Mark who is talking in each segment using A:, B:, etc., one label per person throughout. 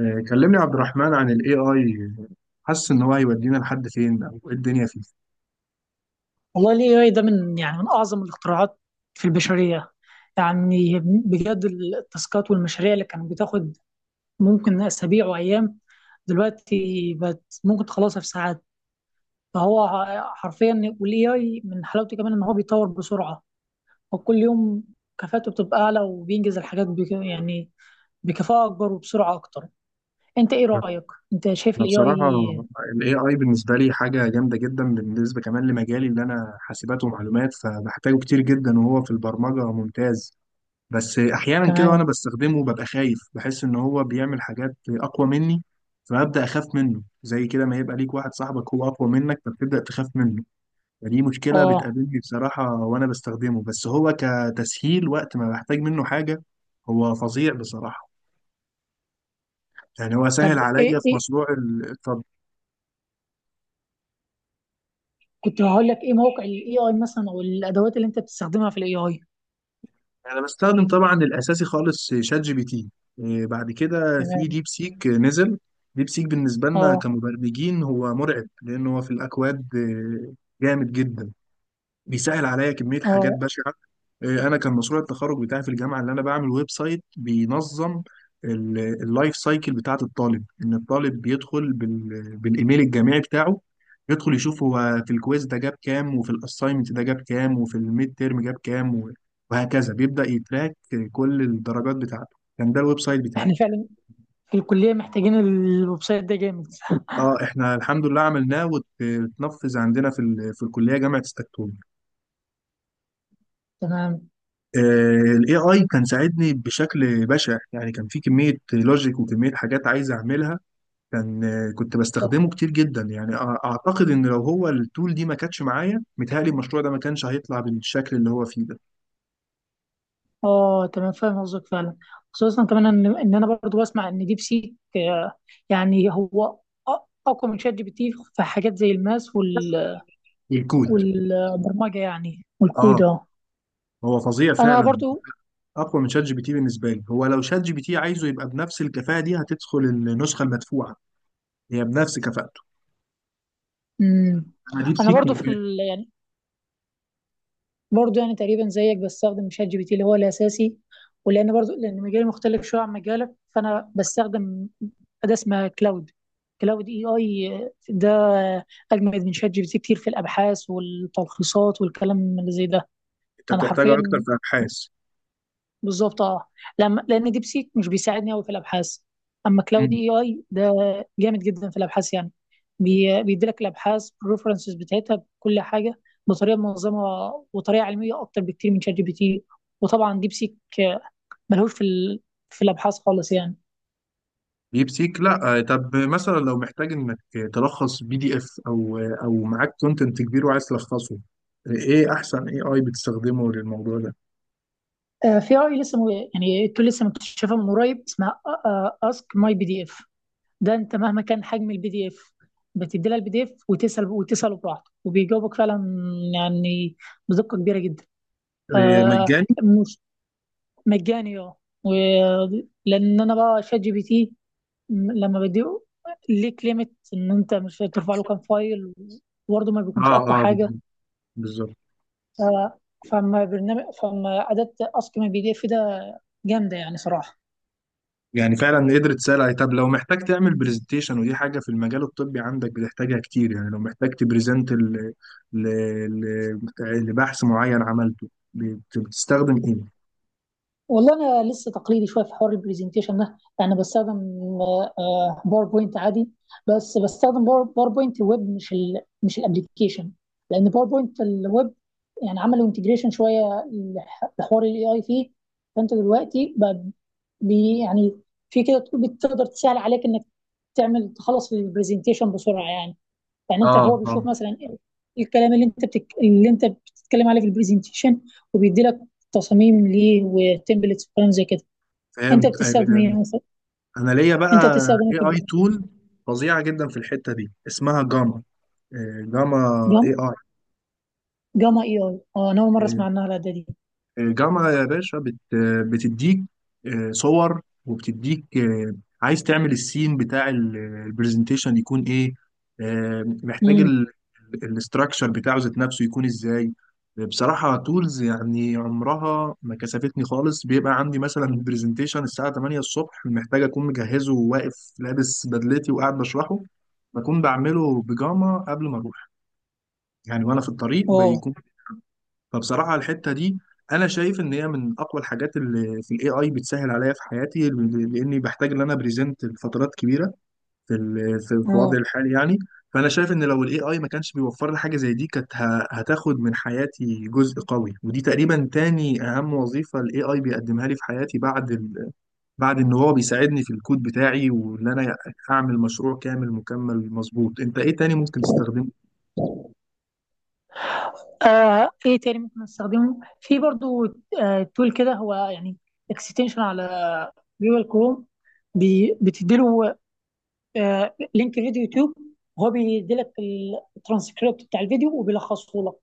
A: كلمني يا عبد الرحمن عن ال AI. حاسس إن هو هيودينا لحد فين أو إيه الدنيا فيه؟
B: والله ال AI ده من أعظم الاختراعات في البشرية. يعني بجد التاسكات والمشاريع اللي كانت بتاخد ممكن أسابيع وأيام، دلوقتي بقت ممكن تخلصها في ساعات. فهو حرفيا، وال AI من حلاوته كمان إن هو بيتطور بسرعة وكل يوم كفاءته بتبقى أعلى وبينجز الحاجات بك يعني بكفاءة أكبر وبسرعة أكتر. أنت إيه رأيك؟ أنت شايف
A: أنا
B: ال
A: بصراحة
B: AI.
A: ال AI بالنسبة لي حاجة جامدة جدا، بالنسبة كمان لمجالي اللي أنا حاسبات ومعلومات فبحتاجه كتير جدا، وهو في البرمجة ممتاز. بس أحيانا كده وأنا
B: تمام.
A: بستخدمه ببقى خايف، بحس إن هو بيعمل حاجات أقوى مني، فببدأ أخاف منه. زي كده ما يبقى ليك واحد صاحبك هو أقوى منك فبتبدأ تخاف منه. فدي مشكلة
B: آه،
A: بتقابلني بصراحة وأنا بستخدمه، بس هو كتسهيل وقت ما بحتاج منه حاجة هو فظيع بصراحة. يعني هو سهل
B: طب
A: عليا
B: إيه
A: في
B: إيه
A: مشروع الطب.
B: كنت هقول لك ايه موقع الاي اي مثلا او الادوات اللي انت بتستخدمها في الاي اي.
A: أنا بستخدم طبعا الأساسي خالص شات جي بي تي. بعد كده في
B: تمام.
A: ديب سيك نزل. ديب سيك بالنسبة لنا
B: اه
A: كمبرمجين هو مرعب، لأن هو في الأكواد جامد جدا. بيسهل عليا كمية حاجات
B: اه،
A: بشعة. أنا كان مشروع التخرج بتاعي في الجامعة اللي أنا بعمل ويب سايت بينظم اللايف سايكل بتاعة الطالب، إن الطالب بيدخل بالإيميل الجامعي بتاعه، يدخل يشوف هو في الكويز ده جاب كام، وفي الأساينمنت ده جاب كام، وفي الميد تيرم جاب كام وهكذا بيبدأ يتراك كل الدرجات بتاعته. كان ده الويب سايت بتاعي.
B: احنا فعلا في الكليه محتاجين الويب سايت ده جامد.
A: اه، احنا الحمد لله عملناه واتنفذ عندنا في في الكلية جامعة ستكتون.
B: تمام.
A: الاي اي كان ساعدني بشكل بشع، يعني كان في كميه لوجيك وكميه حاجات عايز اعملها. كان كنت بستخدمه كتير جدا، يعني اعتقد ان لو هو التول دي ما كانتش معايا متهيألي المشروع ده ما كانش هيطلع بالشكل اللي هو فيه ده.
B: اه، تمام فاهم قصدك فعلا، خصوصا كمان ان انا برضو بسمع ان ديب سيك، يعني هو أ- اقوى من شات جي بي تي في حاجات زي الماس وال
A: الكود
B: والبرمجه يعني والكود
A: اه.
B: اه.
A: هو فظيع
B: انا
A: فعلا.
B: برضو.
A: اقوى من شات جي بي تي بالنسبه لي، هو لو شات جي بي تي عايزه يبقى بنفس الكفاءه دي هتدخل النسخه المدفوعه هي بنفس كفاءته.
B: مم.
A: انا ديب
B: انا
A: سيك
B: برضو في
A: ممكن.
B: يعني برضه يعني تقريبا زيك بستخدم شات جي بي تي اللي هو الاساسي، ولان برضه لان مجالي مختلف شويه عن مجالك فانا بستخدم اداه اسمها كلاود. كلاود اي اي ده اجمد من شات جي بي تي كتير في الابحاث والتلخيصات والكلام اللي زي ده.
A: انت
B: انا
A: بتحتاجها اكتر
B: حرفيا
A: في ابحاث.
B: بالظبط اه، لما لان ديب سيك مش بيساعدني قوي في الابحاث، اما كلاود اي اي ده جامد جدا في الابحاث يعني، بيديلك الابحاث الريفرنسز بتاعتها بكل حاجه بطريقه منظمه وطريقه علميه اكتر بكتير من شات جي بي تي. وطبعا ديب سيك ملهوش في في الابحاث خالص يعني.
A: بيبسيك لا. طب مثلا لو محتاج انك تلخص بي دي اف او او معاك كونتنت كبير وعايز تلخصه، ايه احسن اي اي بتستخدمه للموضوع ده؟
B: في اي لسه يعني التول لسه مكتشفه من قريب اسمها اسك ماي بي دي اف. ده انت مهما كان حجم البي دي اف، بتدي لها البي دي اف وتسال وتساله براحته وبيجاوبك فعلا، يعني بدقه كبيره جدا. آه،
A: مجاني؟
B: مش مجاني اه. و- لان انا بقى شات جي بي تي لما بديه، ليك ليميت ان انت مش ترفع له كام فايل وبرضه ما بيكونش
A: اه
B: اقوى
A: اه،
B: حاجه.
A: بالظبط.
B: آه فما برنامج فما اداه اسك من البي دي اف ده جامده يعني صراحه.
A: يعني فعلا قدرت تسال. طب لو محتاج تعمل برزنتيشن، ودي حاجه في المجال الطبي عندك بتحتاجها كتير، يعني لو محتاج تبرزنت ل... لبحث معين عملته، بتستخدم ايه؟
B: والله انا لسه تقليدي شويه في حوار البرزنتيشن ده، يعني بستخدم باوربوينت عادي، بس بستخدم باوربوينت ويب مش مش الابلكيشن. لان باوربوينت الويب يعني عملوا انتجريشن شويه لحوار الاي اي فيه. فانت دلوقتي بقى بي يعني في كده بتقدر تسهل عليك انك تخلص البرزنتيشن بسرعه يعني. يعني انت
A: اه
B: هو
A: اه،
B: بيشوف مثلا الكلام اللي اللي انت بتتكلم عليه في البرزنتيشن وبيدي لك تصاميم ليه وتمبلتس وكلام زي كده. انت
A: فهمت
B: بتستخدم ايه مثلا؟
A: انا ليا
B: انت
A: بقى
B: بتستخدم ايه
A: اي
B: في
A: اي
B: البرزنتيشن؟
A: تول فظيعه جدا في الحته دي، اسمها جاما. جاما اي
B: جام جاما اي اي اه، انا اول مره
A: اي.
B: اسمع عنها الاداه دي.
A: الجامعة يا باشا بتديك صور، وبتديك عايز تعمل السين بتاع البرزنتيشن يكون ايه، محتاج
B: امم
A: الاستراكشر بتاعه ذات نفسه يكون ازاي. بصراحة تولز يعني عمرها ما كسفتني خالص. بيبقى عندي مثلا برزنتيشن الساعة 8 الصبح، محتاج أكون مجهزه وواقف لابس بدلتي وقاعد بشرحه، بكون بعمله بيجاما قبل ما أروح، يعني وأنا في الطريق
B: واو
A: بيكون. فبصراحة الحتة دي أنا شايف إن هي من أقوى الحاجات اللي في ال AI، بتسهل عليا في حياتي لأني بحتاج إن أنا بريزنت لفترات كبيرة في في
B: اه.
A: وضعي الحالي يعني. فأنا شايف إن لو ال AI ما كانش بيوفر لي حاجة زي دي كانت هتاخد من حياتي جزء قوي. ودي تقريبا تاني أهم وظيفة ال AI بيقدمها لي في حياتي، بعد بعد إن هو بيساعدني في الكود بتاعي وإن أنا أعمل مشروع كامل مكمل مظبوط. أنت إيه تاني ممكن تستخدمه؟
B: ايه تاني ممكن استخدمه في برضو. آه، تول كده هو، يعني اكستنشن على جوجل كروم، بتديله آه لينك فيديو يوتيوب، هو بيديلك الترانسكريبت بتاع الفيديو وبيلخصه لك.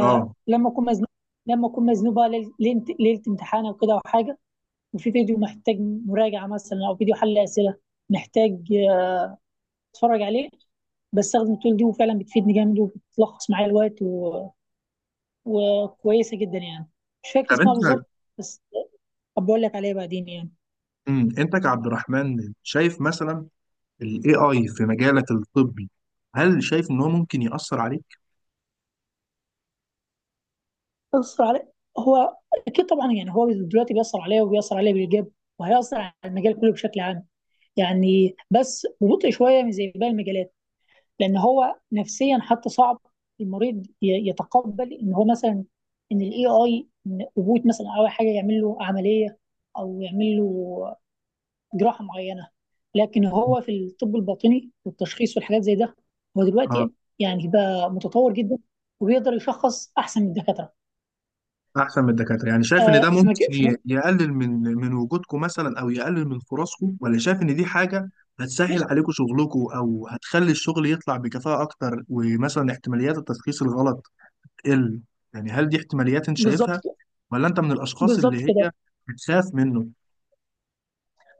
A: آه،
B: اكون مزنوق لما اكون مزنوق بقى ليلة امتحان او كده او حاجه، وفي فيديو محتاج مراجعه مثلا او فيديو حل اسئله، محتاج اتفرج عليه، بستخدم التول دي وفعلا بتفيدني جامد وبتلخص معايا الوقت وكويسه جدا يعني. مش فاكر
A: طب
B: اسمها
A: انت،
B: بالظبط، بس أبقى اقول لك عليها بعدين يعني.
A: مم، انت كعبد الرحمن شايف مثلا ال AI في مجالك الطبي، هل شايف إن هو ممكن يأثر عليك؟
B: بيأثر علي هو، اكيد طبعا يعني هو دلوقتي بيأثر عليا وبيأثر عليا بالايجاب، وهيأثر على المجال كله بشكل عام. يعني بس ببطء شويه من زي باقي المجالات لان هو نفسيا حتى صعب المريض يتقبل ان هو مثلا ان الاي اي، ان روبوت مثلا او حاجه يعمل له عمليه او يعمل له جراحه معينه. لكن هو في الطب الباطني والتشخيص والحاجات زي ده هو
A: اه،
B: دلوقتي يعني بقى متطور جدا، وبيقدر يشخص احسن من الدكاتره.
A: أحسن من الدكاترة، يعني شايف إن ده
B: آه، في مجال
A: ممكن يقلل من من وجودكم مثلا، أو يقلل من فرصكم، ولا شايف إن دي حاجة هتسهل
B: مش.
A: عليكم شغلكم، أو هتخلي الشغل يطلع بكفاءة أكتر، ومثلا احتماليات التشخيص الغلط تقل؟ يعني هل دي احتماليات أنت
B: بالظبط
A: شايفها،
B: كده.
A: ولا أنت من الأشخاص
B: بالظبط
A: اللي
B: كده.
A: هي بتخاف منه؟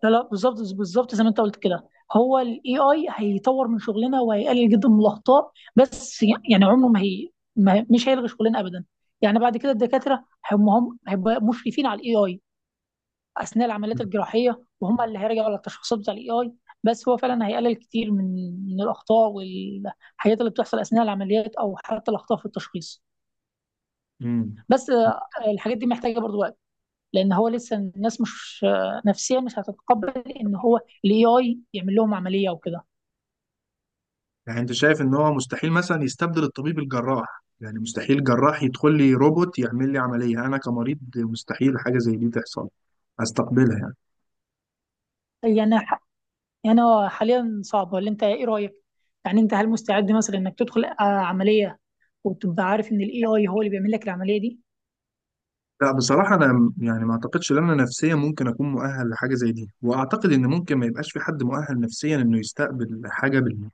B: لا لا، بالظبط بالظبط زي ما انت قلت كده. هو الاي اي هيطور من شغلنا وهيقلل جدا من الاخطاء، بس يعني عمره ما هي ما مش هيلغي شغلنا ابدا. يعني بعد كده الدكاتره هم هيبقى مشرفين على الاي اي اثناء العمليات الجراحيه، وهم اللي هيراجعوا على التشخيصات بتاع الاي اي. بس هو فعلا هيقلل كتير من الاخطاء والحاجات اللي بتحصل اثناء العمليات او حتى الاخطاء في التشخيص.
A: مم.
B: بس الحاجات دي محتاجه برضو وقت، لان هو لسه الناس مش، نفسيا مش هتتقبل ان هو الاي اي يعمل لهم عمليه وكده.
A: يعني انت شايف ان هو مستحيل مثلا يستبدل الطبيب الجراح؟ يعني مستحيل الجراح يدخل لي روبوت يعمل لي عملية، انا كمريض مستحيل حاجة زي دي تحصل استقبلها يعني؟
B: يعني هو حاليا صعب، ولا انت ايه رايك؟ يعني انت هل مستعد مثلا انك تدخل عمليه وتبقى عارف ان الاي اي هو اللي بيعمل لك العمليه دي؟
A: لا بصراحة أنا يعني ما أعتقدش إن أنا نفسيا ممكن أكون مؤهل لحاجة زي دي، وأعتقد إن ممكن ما يبقاش في حد مؤهل نفسيا إنه يستقبل حاجة بال...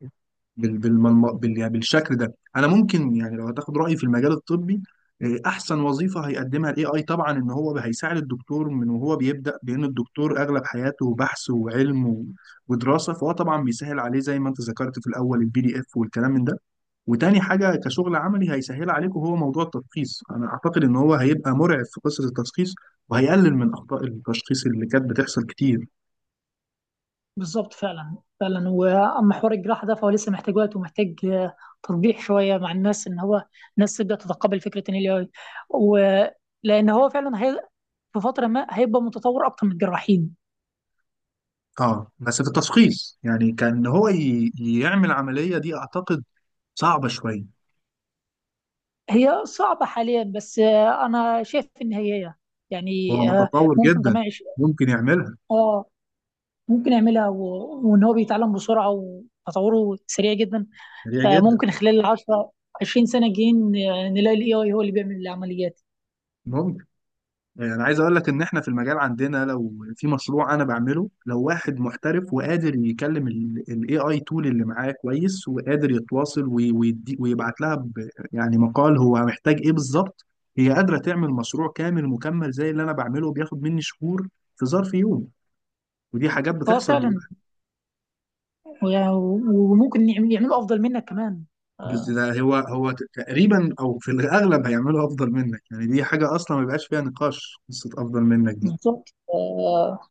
A: بال... بالملم... بال... يعني بالشكل ده. أنا ممكن يعني لو هتاخد رأيي في المجال الطبي، أحسن وظيفة هيقدمها ال AI طبعا إن هو هيساعد الدكتور من وهو بيبدأ، بأن الدكتور أغلب حياته بحث وعلم ودراسة، فهو طبعا بيسهل عليه زي ما أنت ذكرت في الأول البي دي إف والكلام من ده. وتاني حاجة كشغل عملي هيسهل عليكم هو موضوع التشخيص. أنا أعتقد إن هو هيبقى مرعب في قصة التشخيص، وهيقلل من أخطاء التشخيص اللي كانت بتحصل كتير.
B: بالظبط فعلا فعلا. واما حوار الجراحه ده فهو لسه محتاج وقت، ومحتاج تطبيع شويه مع الناس، ان هو الناس تبدا تتقبل فكره ان الاي اي، ولان هو فعلا في فتره ما هيبقى متطور اكتر من الجراحين.
A: أه بس في التشخيص، يعني كان هو يعمل عملية دي أعتقد صعبة شوية.
B: هي صعبة حاليا، بس أنا شايف إن هي
A: هو
B: يعني،
A: متطور
B: ممكن
A: جدا،
B: كمان عش...
A: ممكن يعملها
B: آه ممكن يعملها وإن هو بيتعلم بسرعة وتطوره سريع جدا،
A: سريع جدا.
B: فممكن خلال 10 20 سنة الجايين نلاقي ال AI هو اللي بيعمل العمليات.
A: ممكن. يعني انا عايز اقول لك ان احنا في المجال عندنا لو في مشروع انا بعمله، لو واحد محترف وقادر يكلم الاي اي تول اللي معاه كويس، وقادر يتواصل ويدي ويبعت لها يعني مقال هو محتاج ايه بالظبط، هي قادرة تعمل مشروع كامل مكمل زي اللي انا بعمله بياخد مني شهور في ظرف يوم. ودي حاجات
B: اه
A: بتحصل
B: فعلا.
A: دلوقتي.
B: وممكن يعملوا أفضل منك كمان.
A: بس
B: آه،
A: ده هو هو تقريبا او في الاغلب هيعملوا افضل منك. يعني دي حاجة اصلا ما بيبقاش فيها نقاش قصة افضل منك دي.
B: بالظبط.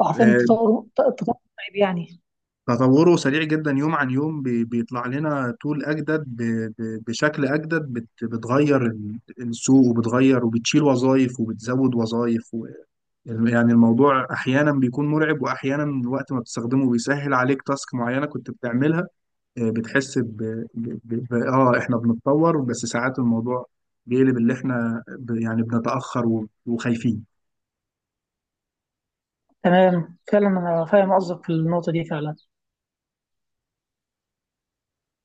B: عارفين، التطور التطور رهيب يعني.
A: تطوره سريع جدا يوم عن يوم، بيطلع لنا طول أجدد بشكل أجدد، بتغير السوق، وبتغير وبتشيل وظائف وبتزود وظائف يعني الموضوع أحيانا بيكون مرعب، وأحيانا الوقت ما بتستخدمه بيسهل عليك تاسك معينة كنت بتعملها، بتحس ب... ب... ب... ب... آه إحنا بنتطور، بس ساعات الموضوع بيقلب اللي إحنا يعني بنتأخر وخايفين.
B: تمام، فعلا أنا فاهم قصدك في النقطة دي فعلا.